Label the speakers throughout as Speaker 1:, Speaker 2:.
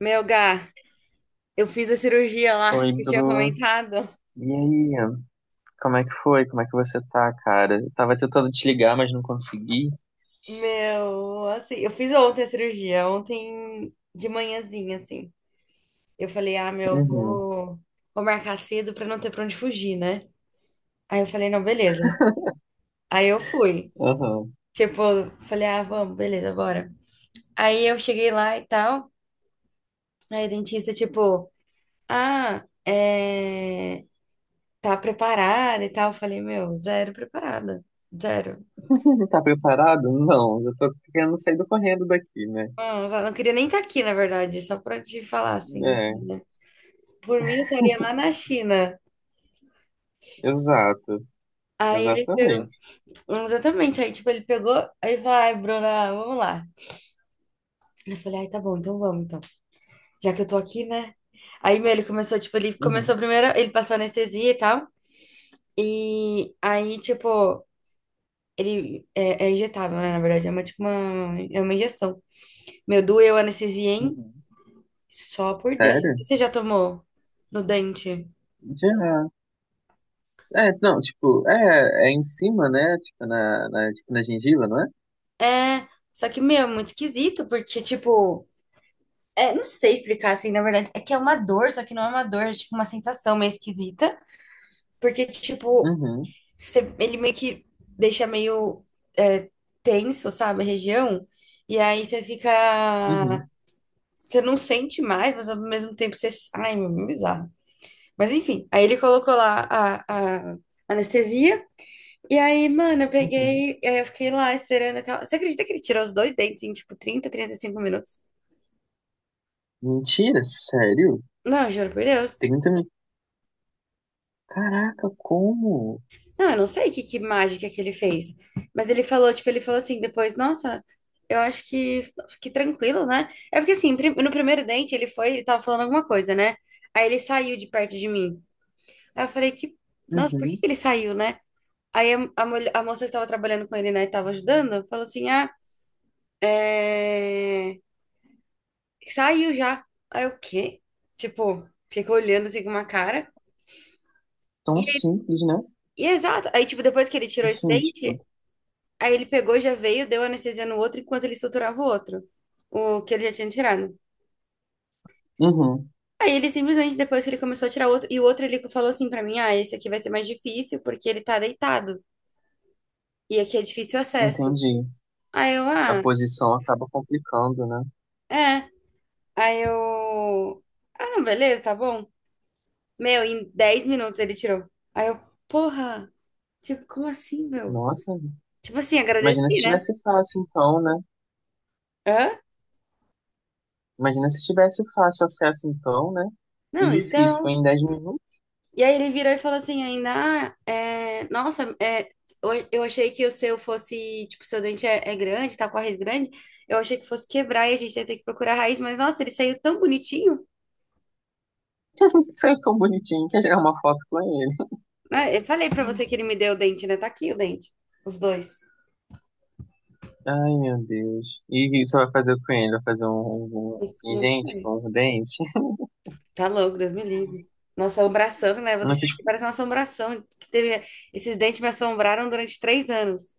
Speaker 1: Meu, Gá, eu fiz a cirurgia lá
Speaker 2: Oi,
Speaker 1: que eu tinha
Speaker 2: Bru.
Speaker 1: comentado.
Speaker 2: E aí? Como é que foi? Como é que você tá, cara? Eu tava tentando te ligar, mas não consegui.
Speaker 1: Meu, assim, eu fiz ontem a cirurgia, ontem de manhãzinha, assim. Eu falei, ah, meu,
Speaker 2: Uhum,
Speaker 1: vou marcar cedo pra não ter pra onde fugir, né? Aí eu falei, não, beleza. Aí eu fui.
Speaker 2: uhum.
Speaker 1: Tipo, falei, ah, vamos, beleza, bora. Aí eu cheguei lá e tal. Aí o dentista, tipo, ah, tá preparada e tal. Eu falei, meu, zero preparada. Zero.
Speaker 2: Tá preparado? Não, eu tô querendo sair do correndo daqui, né?
Speaker 1: Não, eu não queria nem estar aqui, na verdade, só pra te falar, assim,
Speaker 2: É,
Speaker 1: né? Por mim, eu estaria lá na China.
Speaker 2: exato.
Speaker 1: Aí ele pegou,
Speaker 2: Exatamente.
Speaker 1: exatamente, aí, tipo, ele pegou, aí falou, ai, Bruna, vamos lá. Eu falei, ai, tá bom, então vamos, então. Já que eu tô aqui, né? Aí, meu, ele começou, tipo, ele
Speaker 2: Uhum,
Speaker 1: começou primeiro, ele passou anestesia e tal, e aí, tipo, ele é injetável, né, na verdade, é uma, tipo, uma, é uma injeção. Meu, doeu a anestesia, hein?
Speaker 2: uhum.
Speaker 1: Só por Deus. Não sei
Speaker 2: Sério?
Speaker 1: se você já tomou no dente?
Speaker 2: Já. É, não, tipo, é em cima, né? Tipo, na, tipo, na gengiva, não é?
Speaker 1: É, só que, meu, é muito esquisito, porque, tipo, não sei explicar assim, na verdade, é que é uma dor, só que não é uma dor, é tipo uma sensação meio esquisita, porque, tipo,
Speaker 2: Uhum,
Speaker 1: ele meio que deixa meio é, tenso, sabe, a região, e aí você fica.
Speaker 2: uhum,
Speaker 1: Você não sente mais, mas ao mesmo tempo você. Ai, meu, é bizarro. Mas enfim, aí ele colocou lá a anestesia. E aí, mano, eu
Speaker 2: uhum.
Speaker 1: peguei, aí eu fiquei lá esperando até. Você acredita que ele tirou os dois dentes em, tipo, trinta, 35 minutos?
Speaker 2: Mentira, sério?
Speaker 1: Não, juro por Deus.
Speaker 2: 30 mil. Caraca, como?
Speaker 1: Não, eu não sei que mágica que ele fez. Mas ele falou, tipo, ele falou assim, depois, nossa, eu acho que tranquilo, né? É porque assim, no primeiro dente ele foi, ele tava falando alguma coisa, né? Aí ele saiu de perto de mim. Aí eu falei que, nossa, por que
Speaker 2: Uhum.
Speaker 1: que ele saiu, né? Aí a moça que tava trabalhando com ele, né, tava ajudando, falou assim, ah, é... saiu já. Aí eu, o quê? Tipo, ficou olhando assim com uma cara.
Speaker 2: Tão
Speaker 1: E,
Speaker 2: simples, né?
Speaker 1: e exato, aí tipo, depois que ele tirou esse
Speaker 2: Assim,
Speaker 1: dente.
Speaker 2: tipo,
Speaker 1: Aí ele pegou, já veio, deu anestesia no outro enquanto ele suturava o outro, o que ele já tinha tirado.
Speaker 2: uhum,
Speaker 1: Aí ele simplesmente, depois que ele começou a tirar outro, e o outro ele falou assim pra mim: ah, esse aqui vai ser mais difícil porque ele tá deitado e aqui é difícil o acesso.
Speaker 2: entendi.
Speaker 1: Aí eu,
Speaker 2: A
Speaker 1: ah,
Speaker 2: posição acaba complicando, né?
Speaker 1: é. Aí eu, ah, não, beleza, tá bom. Meu, em 10 minutos ele tirou. Aí eu, porra, tipo, como assim, meu?
Speaker 2: Nossa,
Speaker 1: Tipo assim, agradeci,
Speaker 2: imagina se
Speaker 1: né?
Speaker 2: tivesse fácil então, né?
Speaker 1: Hã?
Speaker 2: Imagina se tivesse fácil acesso então, né? Se
Speaker 1: Não,
Speaker 2: difícil foi
Speaker 1: então.
Speaker 2: em 10 minutos,
Speaker 1: E aí ele virou e falou assim ainda, ah, nossa, eu achei que o seu fosse, tipo, seu dente é, grande, tá com a raiz grande, eu achei que fosse quebrar e a gente ia ter que procurar a raiz, mas nossa, ele saiu tão bonitinho,
Speaker 2: saiu tão bonitinho que já é uma foto com ele.
Speaker 1: né? Eu falei pra você que ele me deu o dente, né? Tá aqui o dente, os dois.
Speaker 2: Ai, meu Deus. E o que você vai fazer com ele? Vai fazer um, um
Speaker 1: Não
Speaker 2: pingente
Speaker 1: sei.
Speaker 2: com um dente?
Speaker 1: Tá louco, Deus me livre. Uma assombração, né? Vou
Speaker 2: Não,
Speaker 1: deixar
Speaker 2: que,
Speaker 1: aqui, parece uma assombração que teve, esses dentes me assombraram durante 3 anos,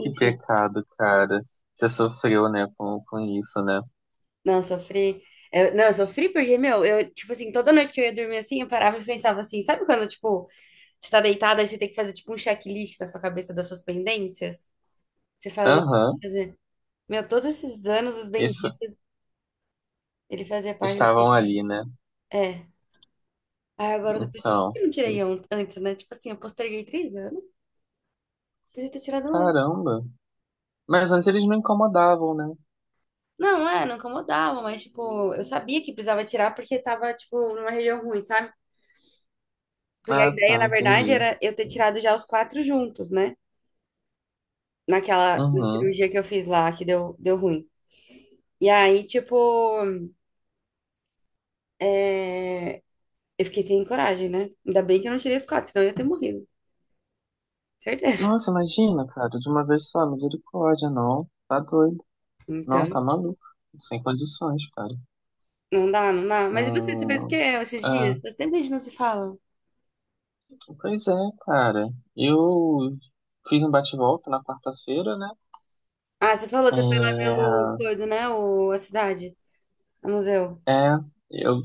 Speaker 2: que pecado, cara. Você sofreu, né, com isso, né?
Speaker 1: Não, sofri. Não, eu sofri porque, meu, eu, tipo assim, toda noite que eu ia dormir assim, eu parava e pensava assim, sabe quando, tipo, você tá deitada e você tem que fazer, tipo, um checklist na sua cabeça das suas pendências? Você fala, não, eu que
Speaker 2: Aham.
Speaker 1: fazer. Meu, todos esses anos, os
Speaker 2: Eles f-
Speaker 1: benditos, ele fazia parte.
Speaker 2: Estavam ali, né?
Speaker 1: É. Aí agora eu tô pensando, por que
Speaker 2: Então,
Speaker 1: eu não tirei antes, né? Tipo assim, eu posterguei 3 anos, podia ter tirado antes.
Speaker 2: caramba. Mas antes eles não incomodavam, né?
Speaker 1: Não, é, não incomodava, mas, tipo, eu sabia que precisava tirar porque tava, tipo, numa região ruim, sabe? Porque a
Speaker 2: Ah,
Speaker 1: ideia,
Speaker 2: tá,
Speaker 1: na verdade,
Speaker 2: entendi.
Speaker 1: era eu ter tirado já os quatro juntos, né? naquela na
Speaker 2: Uhum.
Speaker 1: cirurgia que eu fiz lá, que deu ruim. E aí, tipo, é, eu fiquei sem coragem, né? Ainda bem que eu não tirei os quatro, senão eu ia ter morrido. Certeza.
Speaker 2: Nossa, imagina, cara, de uma vez só, misericórdia, não. Tá doido. Não,
Speaker 1: Então,
Speaker 2: tá maluco. Sem condições, cara.
Speaker 1: não dá, não dá. Mas e você fez o quê
Speaker 2: Hum,
Speaker 1: esses
Speaker 2: é.
Speaker 1: dias? Faz tempo que a gente não se fala.
Speaker 2: Pois é, cara. Eu fiz um bate-volta na quarta-feira, né?
Speaker 1: Ah, você falou, você foi lá ver o
Speaker 2: É,
Speaker 1: coisa, né? A cidade, o museu.
Speaker 2: é, eu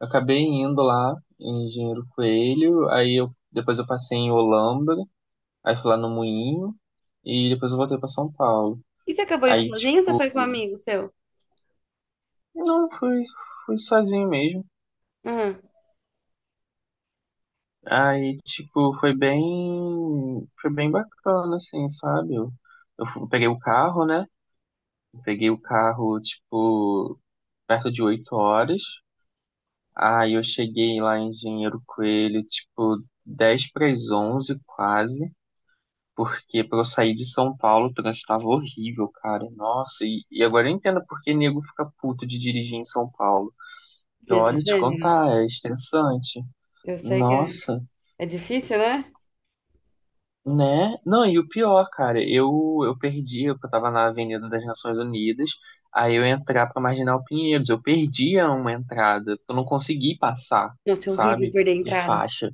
Speaker 2: acabei indo lá em Engenheiro Coelho, aí eu depois eu passei em Olambra, aí fui lá no Moinho e depois eu voltei pra São Paulo.
Speaker 1: E você acabou indo
Speaker 2: Aí,
Speaker 1: sozinho ou você
Speaker 2: tipo,
Speaker 1: foi com um amigo seu?
Speaker 2: não, fui, fui sozinho mesmo.
Speaker 1: Aham.
Speaker 2: Aí, tipo, foi bem bacana, assim, sabe? Eu peguei o carro, né? Peguei o carro, tipo, perto de 8 horas. Aí eu cheguei lá em Engenheiro Coelho, tipo, 10 para as 11 quase. Porque pra eu sair de São Paulo, o trânsito tava horrível, cara. Nossa, e agora eu entendo porque nego fica puto de dirigir em São Paulo. E
Speaker 1: Eu tô
Speaker 2: olha, te
Speaker 1: vendo, né?
Speaker 2: contar, é estressante.
Speaker 1: Eu sei que é,
Speaker 2: Nossa,
Speaker 1: é difícil, né?
Speaker 2: né? Não, e o pior, cara, eu perdi, eu tava na Avenida das Nações Unidas, aí eu ia entrar pra Marginal Pinheiros, eu perdi uma entrada, eu não consegui passar,
Speaker 1: Nossa, é horrível
Speaker 2: sabe?
Speaker 1: perder a
Speaker 2: De
Speaker 1: entrada.
Speaker 2: faixa.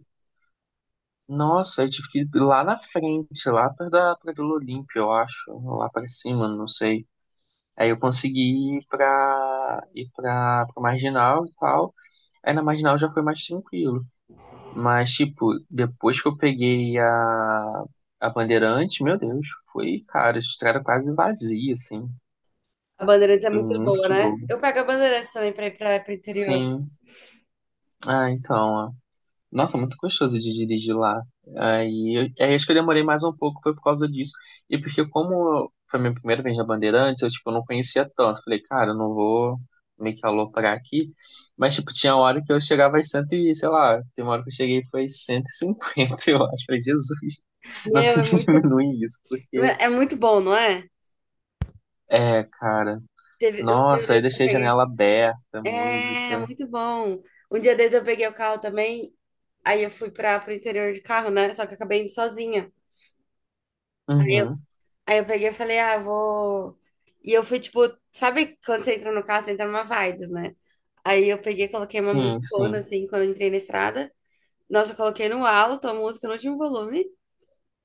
Speaker 2: Nossa, eu tive que ir lá na frente, lá perto da Praia Olímpia, eu acho, lá pra cima, não sei. Aí eu consegui pra Marginal e tal. Aí na Marginal já foi mais tranquilo. Mas, tipo, depois que eu peguei a Bandeirante, meu Deus, foi, cara, a estrada quase vazia, assim.
Speaker 1: A Bandeirantes é
Speaker 2: Foi
Speaker 1: muito
Speaker 2: muito
Speaker 1: boa,
Speaker 2: de
Speaker 1: né?
Speaker 2: bobo.
Speaker 1: Eu pego a Bandeirantes também pra ir pro interior.
Speaker 2: Sim. Ah, então, ó. Nossa, muito gostoso de dirigir lá. Aí acho que eu demorei mais um pouco, foi por causa disso. E porque como foi minha primeira vez na Bandeirantes, eu, tipo, não conhecia tanto. Falei, cara, eu não vou meio que aloprar aqui. Mas, tipo, tinha hora que eu chegava às 100 e, sei lá, tem uma hora que eu cheguei foi 150 eu acho. Falei, Jesus. Não
Speaker 1: Meu,
Speaker 2: tem
Speaker 1: é
Speaker 2: que
Speaker 1: muito,
Speaker 2: diminuir isso, porque.
Speaker 1: é muito bom, não é?
Speaker 2: É, cara.
Speaker 1: Teve, um dia
Speaker 2: Nossa, eu
Speaker 1: desse eu
Speaker 2: deixei a
Speaker 1: peguei.
Speaker 2: janela aberta,
Speaker 1: É,
Speaker 2: música.
Speaker 1: muito bom. Um dia desse eu peguei o carro também. Aí eu fui para pro interior de carro, né? Só que eu acabei indo sozinha. Aí eu,
Speaker 2: Uhum.
Speaker 1: aí eu peguei e falei, ah, vou. E eu fui tipo, sabe quando você entra no carro, você entra numa vibes, né? Aí eu peguei, e coloquei uma
Speaker 2: Sim,
Speaker 1: musicona
Speaker 2: sim.
Speaker 1: assim, quando eu entrei na estrada. Nossa, eu coloquei no alto a música no último volume.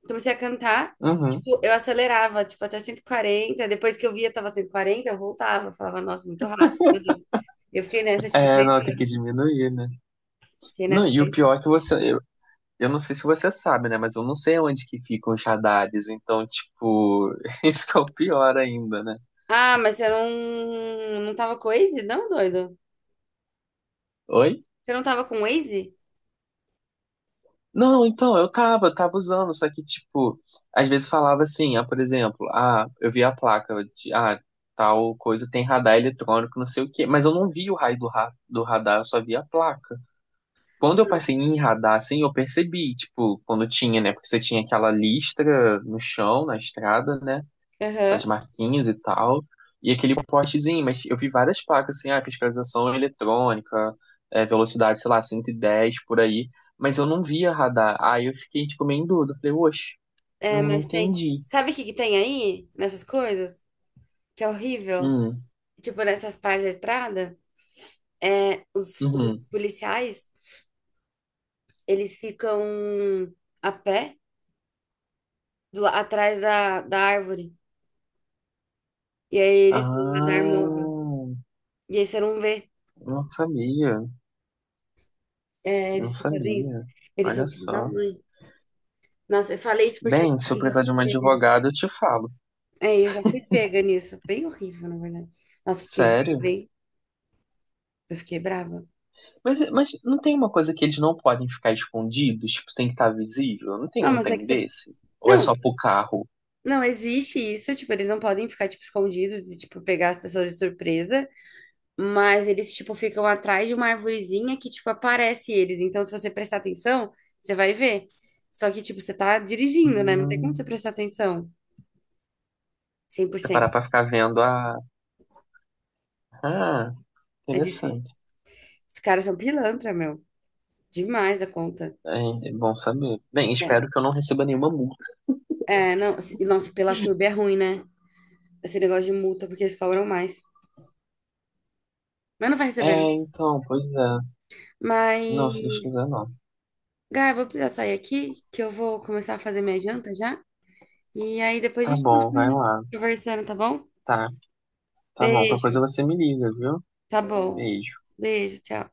Speaker 1: Comecei a cantar,
Speaker 2: Uhum.
Speaker 1: tipo, eu acelerava, tipo, até 140. Depois que eu via, tava 140, eu voltava. Eu falava, nossa, muito rápido, meu Deus. Eu fiquei nessa, tipo,
Speaker 2: É,
Speaker 1: três
Speaker 2: não, tem que
Speaker 1: anos.
Speaker 2: diminuir, né?
Speaker 1: Fiquei
Speaker 2: Não,
Speaker 1: nessa,
Speaker 2: e o
Speaker 1: três
Speaker 2: pior
Speaker 1: anos.
Speaker 2: é que você. Eu não sei se você sabe, né? Mas eu não sei onde que ficam os radares. Então, tipo, isso que é o pior ainda, né?
Speaker 1: Ah, mas você não tava com o Waze? Não, doido?
Speaker 2: Oi?
Speaker 1: Você não tava com o Waze?
Speaker 2: Não, então, eu tava usando, só que, tipo, às vezes falava assim, ah, por exemplo, ah, eu vi a placa de, ah, tal coisa tem radar eletrônico, não sei o quê, mas eu não vi o raio do radar, eu só vi a placa. Quando eu passei em radar, assim, eu percebi, tipo, quando tinha, né, porque você tinha aquela listra no chão, na estrada, né, as
Speaker 1: Aham.
Speaker 2: marquinhas e tal, e aquele postezinho, mas eu vi várias placas assim, ah, fiscalização eletrônica, é, velocidade, sei lá, 110 por aí, mas eu não via radar. Aí eu fiquei, tipo, meio em dúvida, falei, oxe,
Speaker 1: É,
Speaker 2: não, não
Speaker 1: mas tem.
Speaker 2: entendi.
Speaker 1: Sabe o que que tem aí nessas coisas? Que é horrível.
Speaker 2: Hum,
Speaker 1: Tipo, nessas partes da estrada, os
Speaker 2: uhum.
Speaker 1: policiais, eles ficam a pé atrás da árvore. E aí eles têm um radar móvel.
Speaker 2: Ah,
Speaker 1: E aí você não vê,
Speaker 2: não sabia,
Speaker 1: né?
Speaker 2: não
Speaker 1: Eles só fazem isso.
Speaker 2: sabia.
Speaker 1: Eles
Speaker 2: Olha
Speaker 1: são filhos da
Speaker 2: só.
Speaker 1: mãe. Nossa, eu falei isso porque eu
Speaker 2: Bem, se eu
Speaker 1: eu já
Speaker 2: precisar de
Speaker 1: fui
Speaker 2: uma
Speaker 1: pega.
Speaker 2: advogada, eu te falo.
Speaker 1: É, eu já fui pega nisso. Bem horrível, na verdade. Nossa, fiquei
Speaker 2: Sério?
Speaker 1: bem eu fiquei brava.
Speaker 2: Mas não tem uma coisa que eles não podem ficar escondidos? Tipo, tem que estar visível? Não tem
Speaker 1: Não,
Speaker 2: um
Speaker 1: mas é que
Speaker 2: trem
Speaker 1: você.
Speaker 2: desse? Ou é
Speaker 1: Não,
Speaker 2: só pro carro?
Speaker 1: não existe isso. Tipo, eles não podem ficar, tipo, escondidos e, tipo, pegar as pessoas de surpresa. Mas eles, tipo, ficam atrás de uma arvorezinha que, tipo, aparece eles. Então, se você prestar atenção, você vai ver. Só que, tipo, você tá dirigindo, né? Não tem como você
Speaker 2: Hum,
Speaker 1: prestar atenção cem por
Speaker 2: você
Speaker 1: cento
Speaker 2: parar pra ficar vendo a. Ah,
Speaker 1: É difícil.
Speaker 2: interessante.
Speaker 1: Os caras são pilantra, meu. Demais da conta.
Speaker 2: É, é bom saber. Bem,
Speaker 1: É,
Speaker 2: espero que eu não receba nenhuma multa.
Speaker 1: é não. Nossa, pela turba é ruim, né? Esse negócio de multa, porque eles cobram mais. Mas não vai receber, né?
Speaker 2: É, então, pois é.
Speaker 1: Mas,
Speaker 2: Não, se Deus quiser, não.
Speaker 1: Gá, eu vou precisar sair aqui, que eu vou começar a fazer minha janta já. E aí depois a
Speaker 2: Tá
Speaker 1: gente
Speaker 2: bom, vai
Speaker 1: continua
Speaker 2: lá.
Speaker 1: conversando, tá bom?
Speaker 2: Tá, tá bom. Qualquer coisa
Speaker 1: Beijo.
Speaker 2: você me liga, viu?
Speaker 1: Tá bom.
Speaker 2: Beijo.
Speaker 1: Beijo, tchau.